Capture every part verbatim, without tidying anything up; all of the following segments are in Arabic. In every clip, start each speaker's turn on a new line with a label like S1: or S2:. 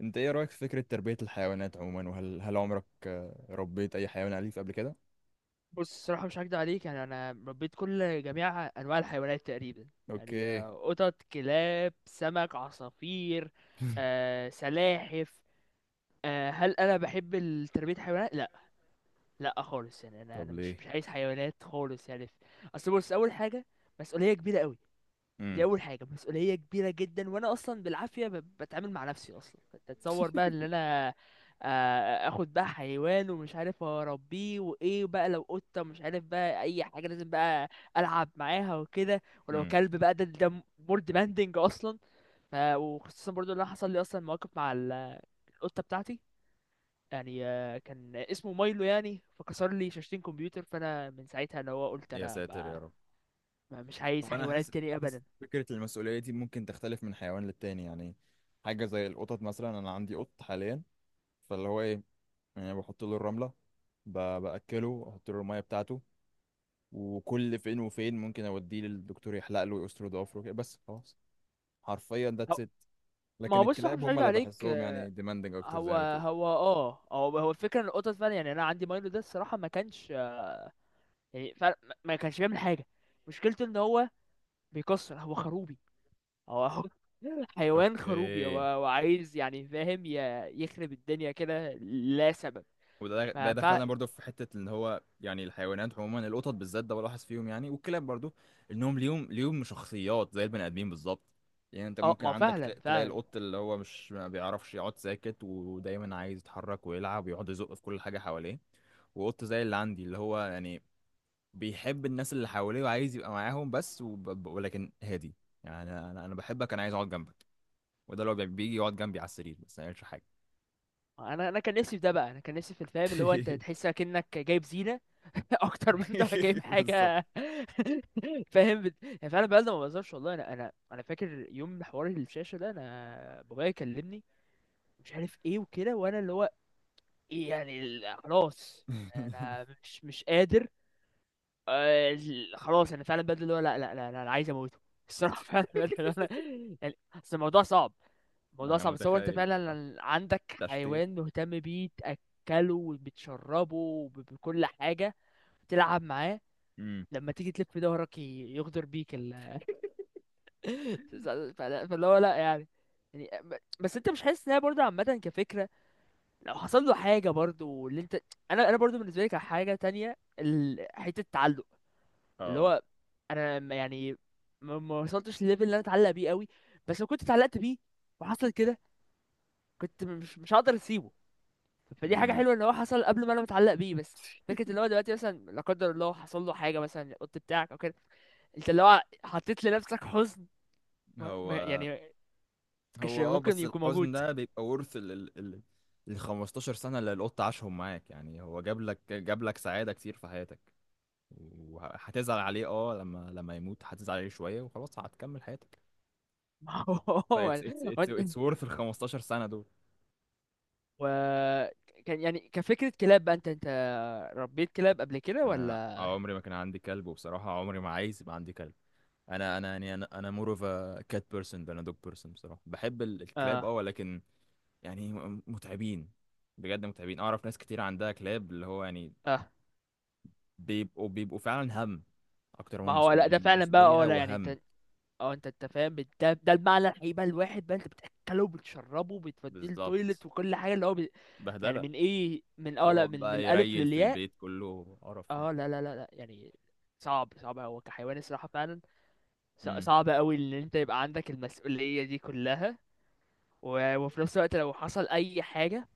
S1: انت ايه رأيك في فكرة تربية الحيوانات عموما، وهل هل عمرك آه، ربيت اي حيوان أليف قبل كده؟
S2: بص الصراحة مش هكدب عليك، يعني أنا ربيت كل جميع أنواع الحيوانات تقريبا. يعني
S1: اوكي.
S2: آه، قطط، كلاب، سمك، عصافير، آه، سلاحف. آه، هل أنا بحب ال- تربية الحيوانات؟ لأ. لأ خالص، يعني أنا
S1: طب
S2: أنا مش
S1: ليه؟
S2: مش عايز حيوانات خالص يعني. أصل بص، أول حاجة مسؤولية كبيرة أوي. دي
S1: امم.
S2: اول حاجه، مسؤوليه كبيره جدا، وانا اصلا بالعافيه ب- بتعامل مع نفسي اصلا. انت تصور بقى ان انا آه، اخد بقى حيوان ومش عارف اربيه، وايه بقى لو قطه، مش عارف بقى اي حاجه، لازم بقى العب معاها وكده. ولو
S1: امم.
S2: كلب بقى، ده ده مور ديماندنج اصلا. ف- وخصوصا برضو ان انا حصل لي اصلا مواقف مع ال- القطه بتاعتي. يعني آه، كان اسمه مايلو، يعني فكسر لي شاشتين كمبيوتر، فانا من ساعتها اللي هو قلت
S1: يا
S2: انا
S1: ساتر يا
S2: ما
S1: رب.
S2: ما- مش
S1: هو
S2: عايز
S1: انا
S2: حيوانات
S1: حاسس
S2: تاني
S1: حاسس
S2: ابدا.
S1: فكرة المسؤولية دي ممكن تختلف من حيوان للتاني يعني. حاجة زي القطط مثلا، انا عندي قط حاليا. فاللي هو ايه، يعني بحط له الرملة، ب- بأكله، احط له المية بتاعته. وكل فين وفين ممكن اوديه للدكتور يحلق له ويقصر ضوافره كده، بس خلاص. حرفيا ذاتس ات.
S2: ما
S1: لكن
S2: هو بص، هو
S1: الكلاب
S2: مش
S1: هم
S2: هيد
S1: اللي
S2: عليك.
S1: بحسهم يعني demanding اكتر
S2: هو
S1: زي ما بتقول.
S2: هو اه، هو هو الفكره ان القطط فعلا، يعني انا عندي مايلو ده الصراحه ما كانش، يعني فعلا ما ما كانش بيعمل حاجه. مشكلته ان هو بيكسر، هو خروبي. هو هو حيوان خروبي، هو
S1: اوكي.
S2: هو عايز، يعني فاهم، ي- يخرب الدنيا كده لا سبب.
S1: وده ده
S2: فف
S1: دخلنا برضو في حته ان هو يعني الحيوانات عموما، القطط بالذات ده بلاحظ فيهم يعني، والكلاب برضو، انهم ليهم ليهم شخصيات زي البني ادمين بالظبط. يعني انت
S2: اه
S1: ممكن
S2: ما
S1: عندك
S2: فعلا،
S1: تلا- تلاقي
S2: فعلا.
S1: القط اللي هو مش ما بيعرفش يقعد ساكت، ودايما عايز يتحرك ويلعب ويقعد يزق في كل حاجه حواليه. وقط زي اللي عندي اللي هو يعني بيحب الناس اللي حواليه وعايز يبقى معاهم بس، وب... ولكن هادي. يعني انا انا أنا بحبك، انا عايز اقعد جنبك. وده اللي هو بيجي يقعد جنبي على السرير بس ما يعملش حاجه.
S2: انا انا كان نفسي في ده بقى، انا كان نفسي في الفهم اللي هو انت تحس كأنك جايب زينه اكتر ما انت جايب
S1: بالظبط.
S2: حاجه. فاهم بت... يعني فعلا بقى ده ما بهزرش والله. انا انا انا فاكر يوم حوار الشاشه ده، انا بابايا كلمني، مش عارف ايه وكده، وانا اللي هو، إيه يعني ال- خلاص انا مش مش قادر. آه، ال- خلاص انا فعلا بدل اللي هو، لا لا لا لا، انا عايز اموته الصراحه. فعلا بدل اللي هو انا، يعني اصل الموضوع صعب. الموضوع
S1: انا
S2: صعب. تصور انت
S1: متخيل بصراحه.
S2: فعلا عندك
S1: تشتين.
S2: حيوان، مهتم بيه، تاكله وبتشربه وب- بكل حاجه، تلعب معاه،
S1: امم.
S2: لما تيجي تلف ظهرك ي- يغدر بيك ال... فلا- فاللي هو لا، يعني يعني ب- بس انت مش حاسس انها برضه عامة كفكرة؟ لو حصل له حاجة برضه اللي انت. انا انا برضه بالنسبة لي كحاجة تانية ال- حتة التعلق، اللي
S1: اه.
S2: هو انا ما- يعني ما ما وصلتش لليفل اللي انا اتعلق بيه قوي، بس لو كنت اتعلقت بيه وحصل كده، كنت مش مش هقدر اسيبه. فدي حاجة
S1: امم.
S2: حلوة ان هو حصل قبل ما انا متعلق بيه. بس فكرة اللي هو دلوقتي مثلا، لا قدر الله، حصل له حاجة مثلا القط بتاعك او كده، انت اللي هو حطيت لنفسك حزن. ما ما-
S1: هو.
S2: يعني كش
S1: هو اه،
S2: ممكن
S1: بس
S2: يكون
S1: الحزن
S2: موجود.
S1: ده بيبقى ورث ال ال ال ال خمسة عشر سنة سنه اللي القط عاشهم معاك يعني، هو جاب لك جاب لك سعاده كتير في حياتك. وهتزعل عليه اه، لما لما يموت هتزعل عليه شويه وخلاص هتكمل حياتك.
S2: ما هو،
S1: ف
S2: هو
S1: it's
S2: يعني-
S1: it's
S2: هو
S1: it's it's
S2: أنت،
S1: worth ال خمستاشر سنة سنه دول.
S2: و، كان يعني كفكرة كلاب بقى، انت انت ربيت كلاب قبل كده
S1: انا
S2: ولا؟
S1: آه، عمري ما كان عندي كلب، وبصراحه عمري ما عايز يبقى عندي كلب. انا انا يعني انا انا مور اوف كات بيرسون than a dog person، بصراحه بحب ال- الكلاب
S2: اه
S1: اه، ولكن يعني م- متعبين. بجد متعبين، اعرف ناس كتير عندها كلاب اللي هو يعني
S2: اه.
S1: بيبقوا بيبقوا فعلا هم اكتر ما
S2: ما
S1: هم
S2: هو لا
S1: مسؤوليه
S2: ده
S1: من
S2: فعلا بقى، اه
S1: المسؤوليه
S2: لا يعني،
S1: وهم.
S2: انت اه انت انت فاهم بت- ده، ده المعنى الحقيقي بقى، الواحد بقى انت بتاكله وبتشربه بتوديه
S1: بالظبط.
S2: التويلت وكل حاجة اللي هو بي... يعني
S1: بهدله.
S2: من ايه، من اه لا،
S1: بيقعد
S2: من من
S1: بقى
S2: الالف
S1: يريل في
S2: للياء.
S1: البيت كله، قرف يعني.
S2: اه لا لا لا لا يعني صعب، صعب هو كحيوان الصراحة فعلا. ص-
S1: امم.
S2: صعب قوي ان انت يبقى عندك المسؤولية دي كلها، و- وفي نفس الوقت لو حصل اي حاجه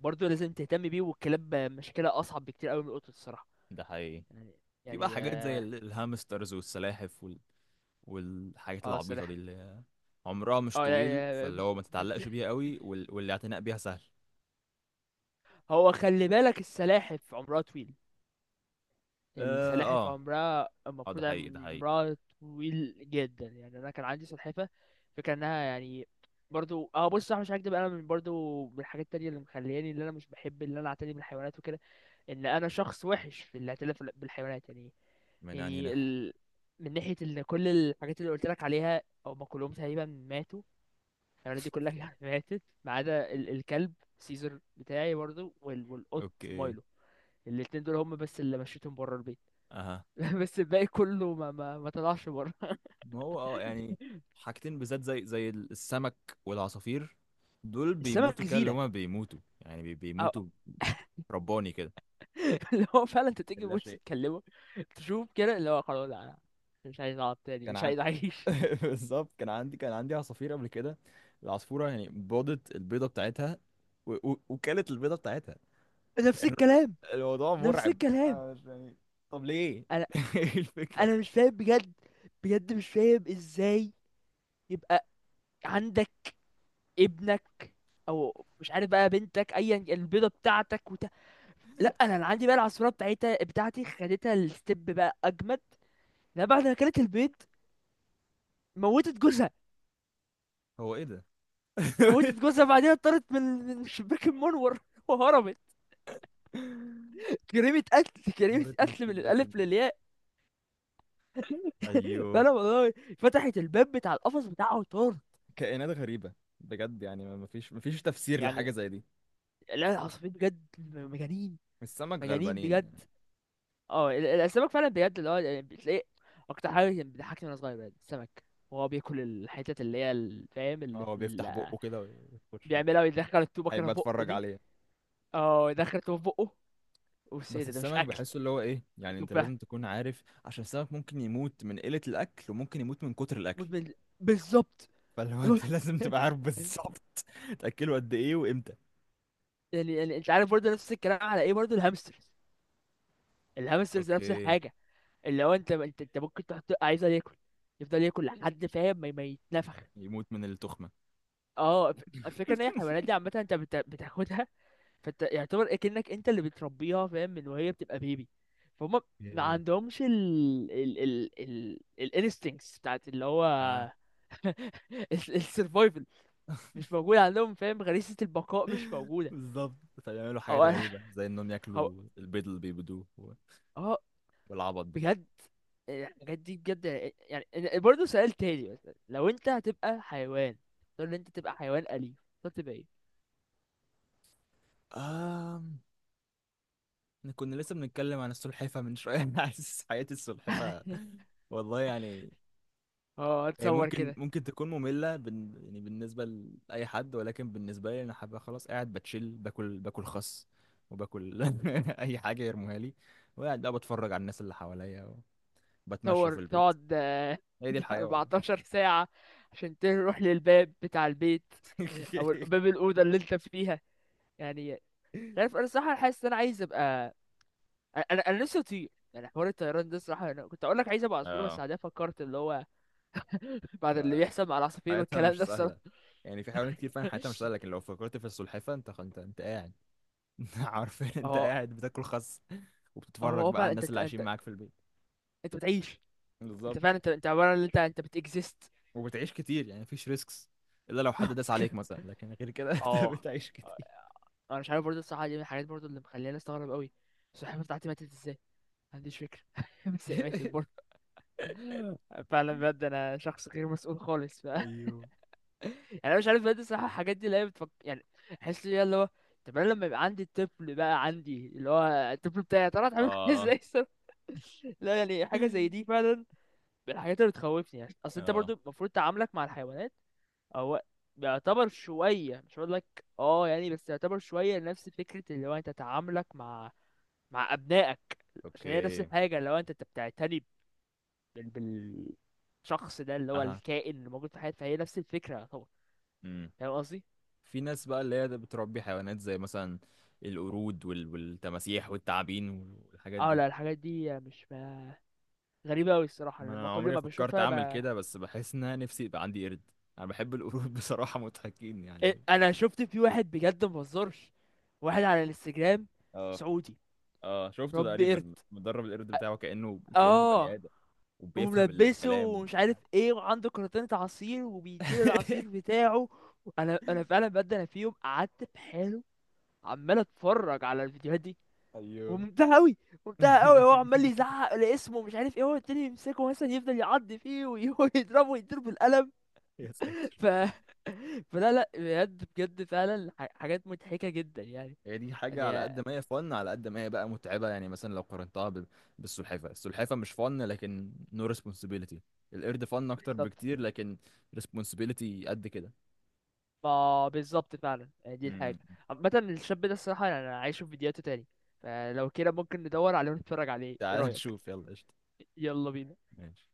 S2: برضو لازم تهتم بيه. والكلاب مشكله اصعب بكتير قوي من القطط الصراحه،
S1: ده حقيقي.
S2: يعني.
S1: في بقى
S2: يعني
S1: حاجات زي
S2: اه.
S1: ال- الهامسترز والسلاحف وال... والحاجات
S2: آه،
S1: العبيطه دي
S2: السلاحف،
S1: اللي عمرها مش
S2: اه لا،
S1: طويل،
S2: آه،
S1: فاللي
S2: ب-
S1: هو ما
S2: ب-
S1: تتعلقش بيها قوي، وال... والاعتناء بيها سهل.
S2: هو خلي بالك السلاحف عمرها طويل.
S1: اه.
S2: السلاحف
S1: اه.
S2: عمرها،
S1: آه، ده
S2: المفروض يعني
S1: حقيقي، ده حقيقي.
S2: عمرها طويل جدا. يعني انا كان عندي سلحفه، فكره انها يعني، برضو اه بص صح مش هكدب، انا من برضو من الحاجات التانية اللي مخلياني اللي انا مش بحب اللي انا اعتني بالحيوانات وكده، ان انا شخص وحش في الاعتلاف بالحيوانات يعني.
S1: من انهي
S2: يعني
S1: ناحية؟
S2: ال... من ناحية ان كل الحاجات اللي قلت لك عليها، او ما كلهم تقريبا ماتوا. الحيوانات دي كلها ماتت، ما عدا ال... الكلب سيزر بتاعي برضو وال... والقط
S1: اوكي.
S2: مايلو. الاتنين دول هم بس اللي مشيتهم بره البيت.
S1: اها.
S2: بس الباقي كله ما ما, ما طلعش بره.
S1: ما هو اه يعني، حاجتين بالذات زي زي السمك والعصافير، دول بيموتوا
S2: السمك
S1: كده اللي
S2: زينة،
S1: هما بيموتوا يعني، بي-
S2: أو...
S1: بيموتوا. رباني كده.
S2: اللي هو فعلا انت تيجي
S1: لا
S2: بص
S1: شيء.
S2: تكلمه، تشوف كده اللي هو خلاص، لا أنا مش عايز اقعد تاني،
S1: كان
S2: مش
S1: عن.
S2: عايز اعيش.
S1: بالظبط، كان عندي كان عندي عصافير قبل كده. العصفورة يعني بيضت البيضة بتاعتها، و... و... وكلت البيضة بتاعتها.
S2: نفس الكلام.
S1: الموضوع
S2: نفس
S1: مرعب،
S2: الكلام.
S1: انا مش يعني. طب ليه؟ ايه الفكرة؟
S2: انا مش فاهم بجد، بجد مش فاهم ازاي يبقى عندك ابنك، او مش عارف بقى بنتك، ايا البيضه بتاعتك وت... لا، انا اللي عندي بقى العصفوره بتاعتها بتاعتي خدتها الستيب بقى اجمد. لما بعد ما كانت البيض، موتت جوزها.
S1: هو ايه ده؟
S2: موتت جوزها، بعدين اتطرت من من الشباك المنور وهربت. جريمة قتل، جريمة
S1: هورت من
S2: قتل من
S1: شباك
S2: الألف
S1: المنام.
S2: للياء.
S1: ايوه.
S2: فأنا والله فتحت الباب بتاع القفص بتاعه وطار.
S1: كائنات غريبة. بجد يعني ما ما فيش ما فيش تفسير
S2: يعني
S1: لحاجة زي دي.
S2: لا، العصافير بجد مجانين،
S1: السمك
S2: مجانين
S1: غلبانين
S2: بجد.
S1: يعني.
S2: اه ال- ال- السمك فعلا بجد، اللي هو يعني بتلاقي اكتر حاجه كان بتضحكني وانا صغير بجد السمك، وهو بياكل الحتت اللي هي ال- فاهم اللي
S1: هو
S2: في ال...
S1: بيفتح بقه كده ويخش ال-
S2: بيعملها ويدخل التوبه كده
S1: هيبقى
S2: في بقه
S1: اتفرج
S2: دي.
S1: عليه.
S2: اه يدخل التوبه في بقه، بص ايه
S1: بس
S2: ده، ده مش
S1: السمك
S2: اكل.
S1: بحسه اللي هو ايه يعني، انت
S2: تبقى
S1: لازم تكون عارف عشان السمك ممكن يموت من قلة الاكل وممكن يموت من كتر الاكل.
S2: مدمن. بالظبط.
S1: فاللي هو انت لازم تبقى عارف بالظبط تاكله قد ايه وامتى.
S2: يعني، يعني انت عارف برضه نفس الكلام على ايه، برضه الهامسترز. الهامسترز نفس
S1: اوكي.
S2: الحاجه، اللي هو انت انت انت ممكن تحط عايزه ياكل، يفضل ياكل لحد فاهم ما ما يتنفخ.
S1: يموت من التخمة.
S2: اه الف- الفكره ان هي الحيوانات دي عامه، انت بت- بتاخدها، فانت يعتبر اكنك انت اللي بتربيها، فاهم، من وهي بتبقى بيبي. فهم. ما
S1: ايه.
S2: عندهمش ال ال ال ال الانستنكتس بتاعت اللي هو
S1: اه.
S2: السرفايفل. مش موجود عندهم، فاهم، غريزة البقاء مش موجودة.
S1: بالظبط. فبيعملوا
S2: او
S1: حاجات
S2: انا
S1: غريبة زي انهم
S2: هو،
S1: ياكلوا البيض اللي بيبيضوه و-
S2: اه.
S1: والعبط ده.
S2: بجد يعني الحاجات دي بجد. يعني إن- برضه سؤال تاني مثلا، لو انت هتبقى حيوان، تقول ان انت تبقى حيوان أليف، تختار تبقى ايه؟
S1: آم... إحنا كنا لسه بنتكلم عن السلحفة من شوية. أنا حاسس حياة السلحفة، والله يعني.
S2: اه
S1: هي
S2: اتصور
S1: ممكن
S2: كده.
S1: ممكن تكون مملة بن... يعني بالنسبة لأي حد، ولكن بالنسبة لي أنا حابة خلاص، قاعد بتشيل باكل باكل خس، وباكل أي حاجة يرموها لي، وقاعد بقى بتفرج على الناس اللي حواليا، وبتمشى في
S2: تطور
S1: البيت.
S2: تقعد آه،
S1: هي دي الحياة والله.
S2: اربعة عشر ساعة عشان تروح للباب بتاع البيت، او باب الأوضة اللي انت فيها، يعني. مش عارف، انا الصراحة حاسس ان انا عايز ابقى، انا انا نفسي اطير، يعني حوار الطيران ده الصراحة. انا كنت اقول لك عايز ابقى عصفور، بس
S1: اه.
S2: بعدين فكرت اللي هو، بعد اللي بيحصل مع العصافير
S1: حياتها
S2: والكلام ده
S1: مش
S2: الصراحة.
S1: سهله. يعني في حيوانات كتير فعلا حياتها مش سهله، لكن لو فكرت في السلحفاه انت انت انت قاعد. عارفين انت
S2: اه،
S1: قاعد بتاكل خس،
S2: اه
S1: وبتتفرج
S2: هو
S1: بقى على
S2: فعلا انت
S1: الناس
S2: انت
S1: اللي
S2: انت
S1: عايشين معاك في البيت.
S2: انت بتعيش. انت
S1: بالظبط.
S2: فعلا، انت انت عبارة عن، انت انت بتكزيست.
S1: وبتعيش كتير، يعني مفيش ريسكس الا لو حد داس عليك مثلا، لكن غير كده انت
S2: اه.
S1: بتعيش كتير.
S2: انا مش عارف برضه الصراحه، دي من الحاجات برضه اللي مخليني استغرب قوي. السلحفاه بتاعتي ماتت ازاي، ما عنديش فكرة. بس لعبت البورد. فعلا بجد انا شخص غير مسؤول خالص ف يعني.
S1: ايوه.
S2: انا مش عارف بجد الصراحة، الحاجات دي اللي هي بتفك... يعني احس ليها اللي هو، طب انا لما يبقى عندي الطفل، بقى عندي اللي هو الطفل بتاعي، يا ترى هتعمل معاه ازاي
S1: اه.
S2: الصراحة؟ لا يعني حاجة زي دي فعلا من الحاجات اللي بتخوفني، يعني اصل انت
S1: اه.
S2: برضو المفروض تعاملك مع الحيوانات هو بيعتبر شوية، مش هقول لك اه يعني، بس يعتبر شوية نفس فكرة اللي هو انت تعاملك مع مع ابنائك. عشان هي نفس
S1: اوكي.
S2: الحاجة، اللي هو انت انت بتعتني بال... بالشخص ده، اللي هو
S1: اها.
S2: الكائن اللي موجود في حياتي، فهي نفس الفكرة طبعا.
S1: امم.
S2: فاهم قصدي؟
S1: في ناس بقى اللي هي بتربي حيوانات زي مثلا القرود وال... والتماسيح والتعابين والحاجات
S2: اه
S1: دي.
S2: لا الحاجات دي مش ما... غريبة أوي الصراحة،
S1: ما
S2: لما
S1: انا
S2: كل
S1: عمري
S2: ما
S1: فكرت
S2: بشوفها
S1: اعمل
S2: ب...
S1: كده، بس بحس ان انا نفسي يبقى عندي قرد. انا بحب القرود، بصراحة مضحكين
S2: إيه،
S1: يعني.
S2: أنا شفت في واحد بجد مبهزرش، واحد على الانستجرام
S1: اه.
S2: سعودي،
S1: اه شفته
S2: ربي قرد،
S1: تقريبا، مدرب القرد بتاعه كأنه كأنه
S2: اه،
S1: بني آدم، وبيفهم
S2: وملبسه
S1: الكلام
S2: ومش
S1: وكل
S2: عارف
S1: حاجة.
S2: ايه، وعنده كرتونة عصير وبيديله العصير بتاعه. انا انا فعلا بجد، انا في يوم قعدت في حاله عمال اتفرج على الفيديوهات دي،
S1: ايوه.
S2: وممتعة قوي. ممتعة قوي، هو عمال يزعق لاسمه مش عارف ايه، هو التاني يمسكه مثلا، يفضل يعض فيه ويضربه ويضربه بالقلم.
S1: يا ساتر.
S2: ف فلا لا بجد، بجد فعلا ح- حاجات مضحكة جدا يعني.
S1: هي دي حاجة، على
S2: يعني
S1: قد ما هي فن على قد ما هي بقى متعبة، يعني مثلا لو قارنتها ب- بالسلحفة السلحفة مش فن لكن نو responsibility. القرد فن اكتر
S2: بالظبط.
S1: بكتير، لكن responsibility قد كده.
S2: ما بالظبط فعلا، يعني دي الحاجة
S1: مم.
S2: عامة. الشاب ده الصراحة يعني، أنا عايشه في فيديوهاته تاني. فلو كده ممكن ندور عليه ونتفرج عليه، ايه
S1: تعال
S2: رأيك؟
S1: نشوف يلا قشطة.
S2: يلا بينا.
S1: ماشي.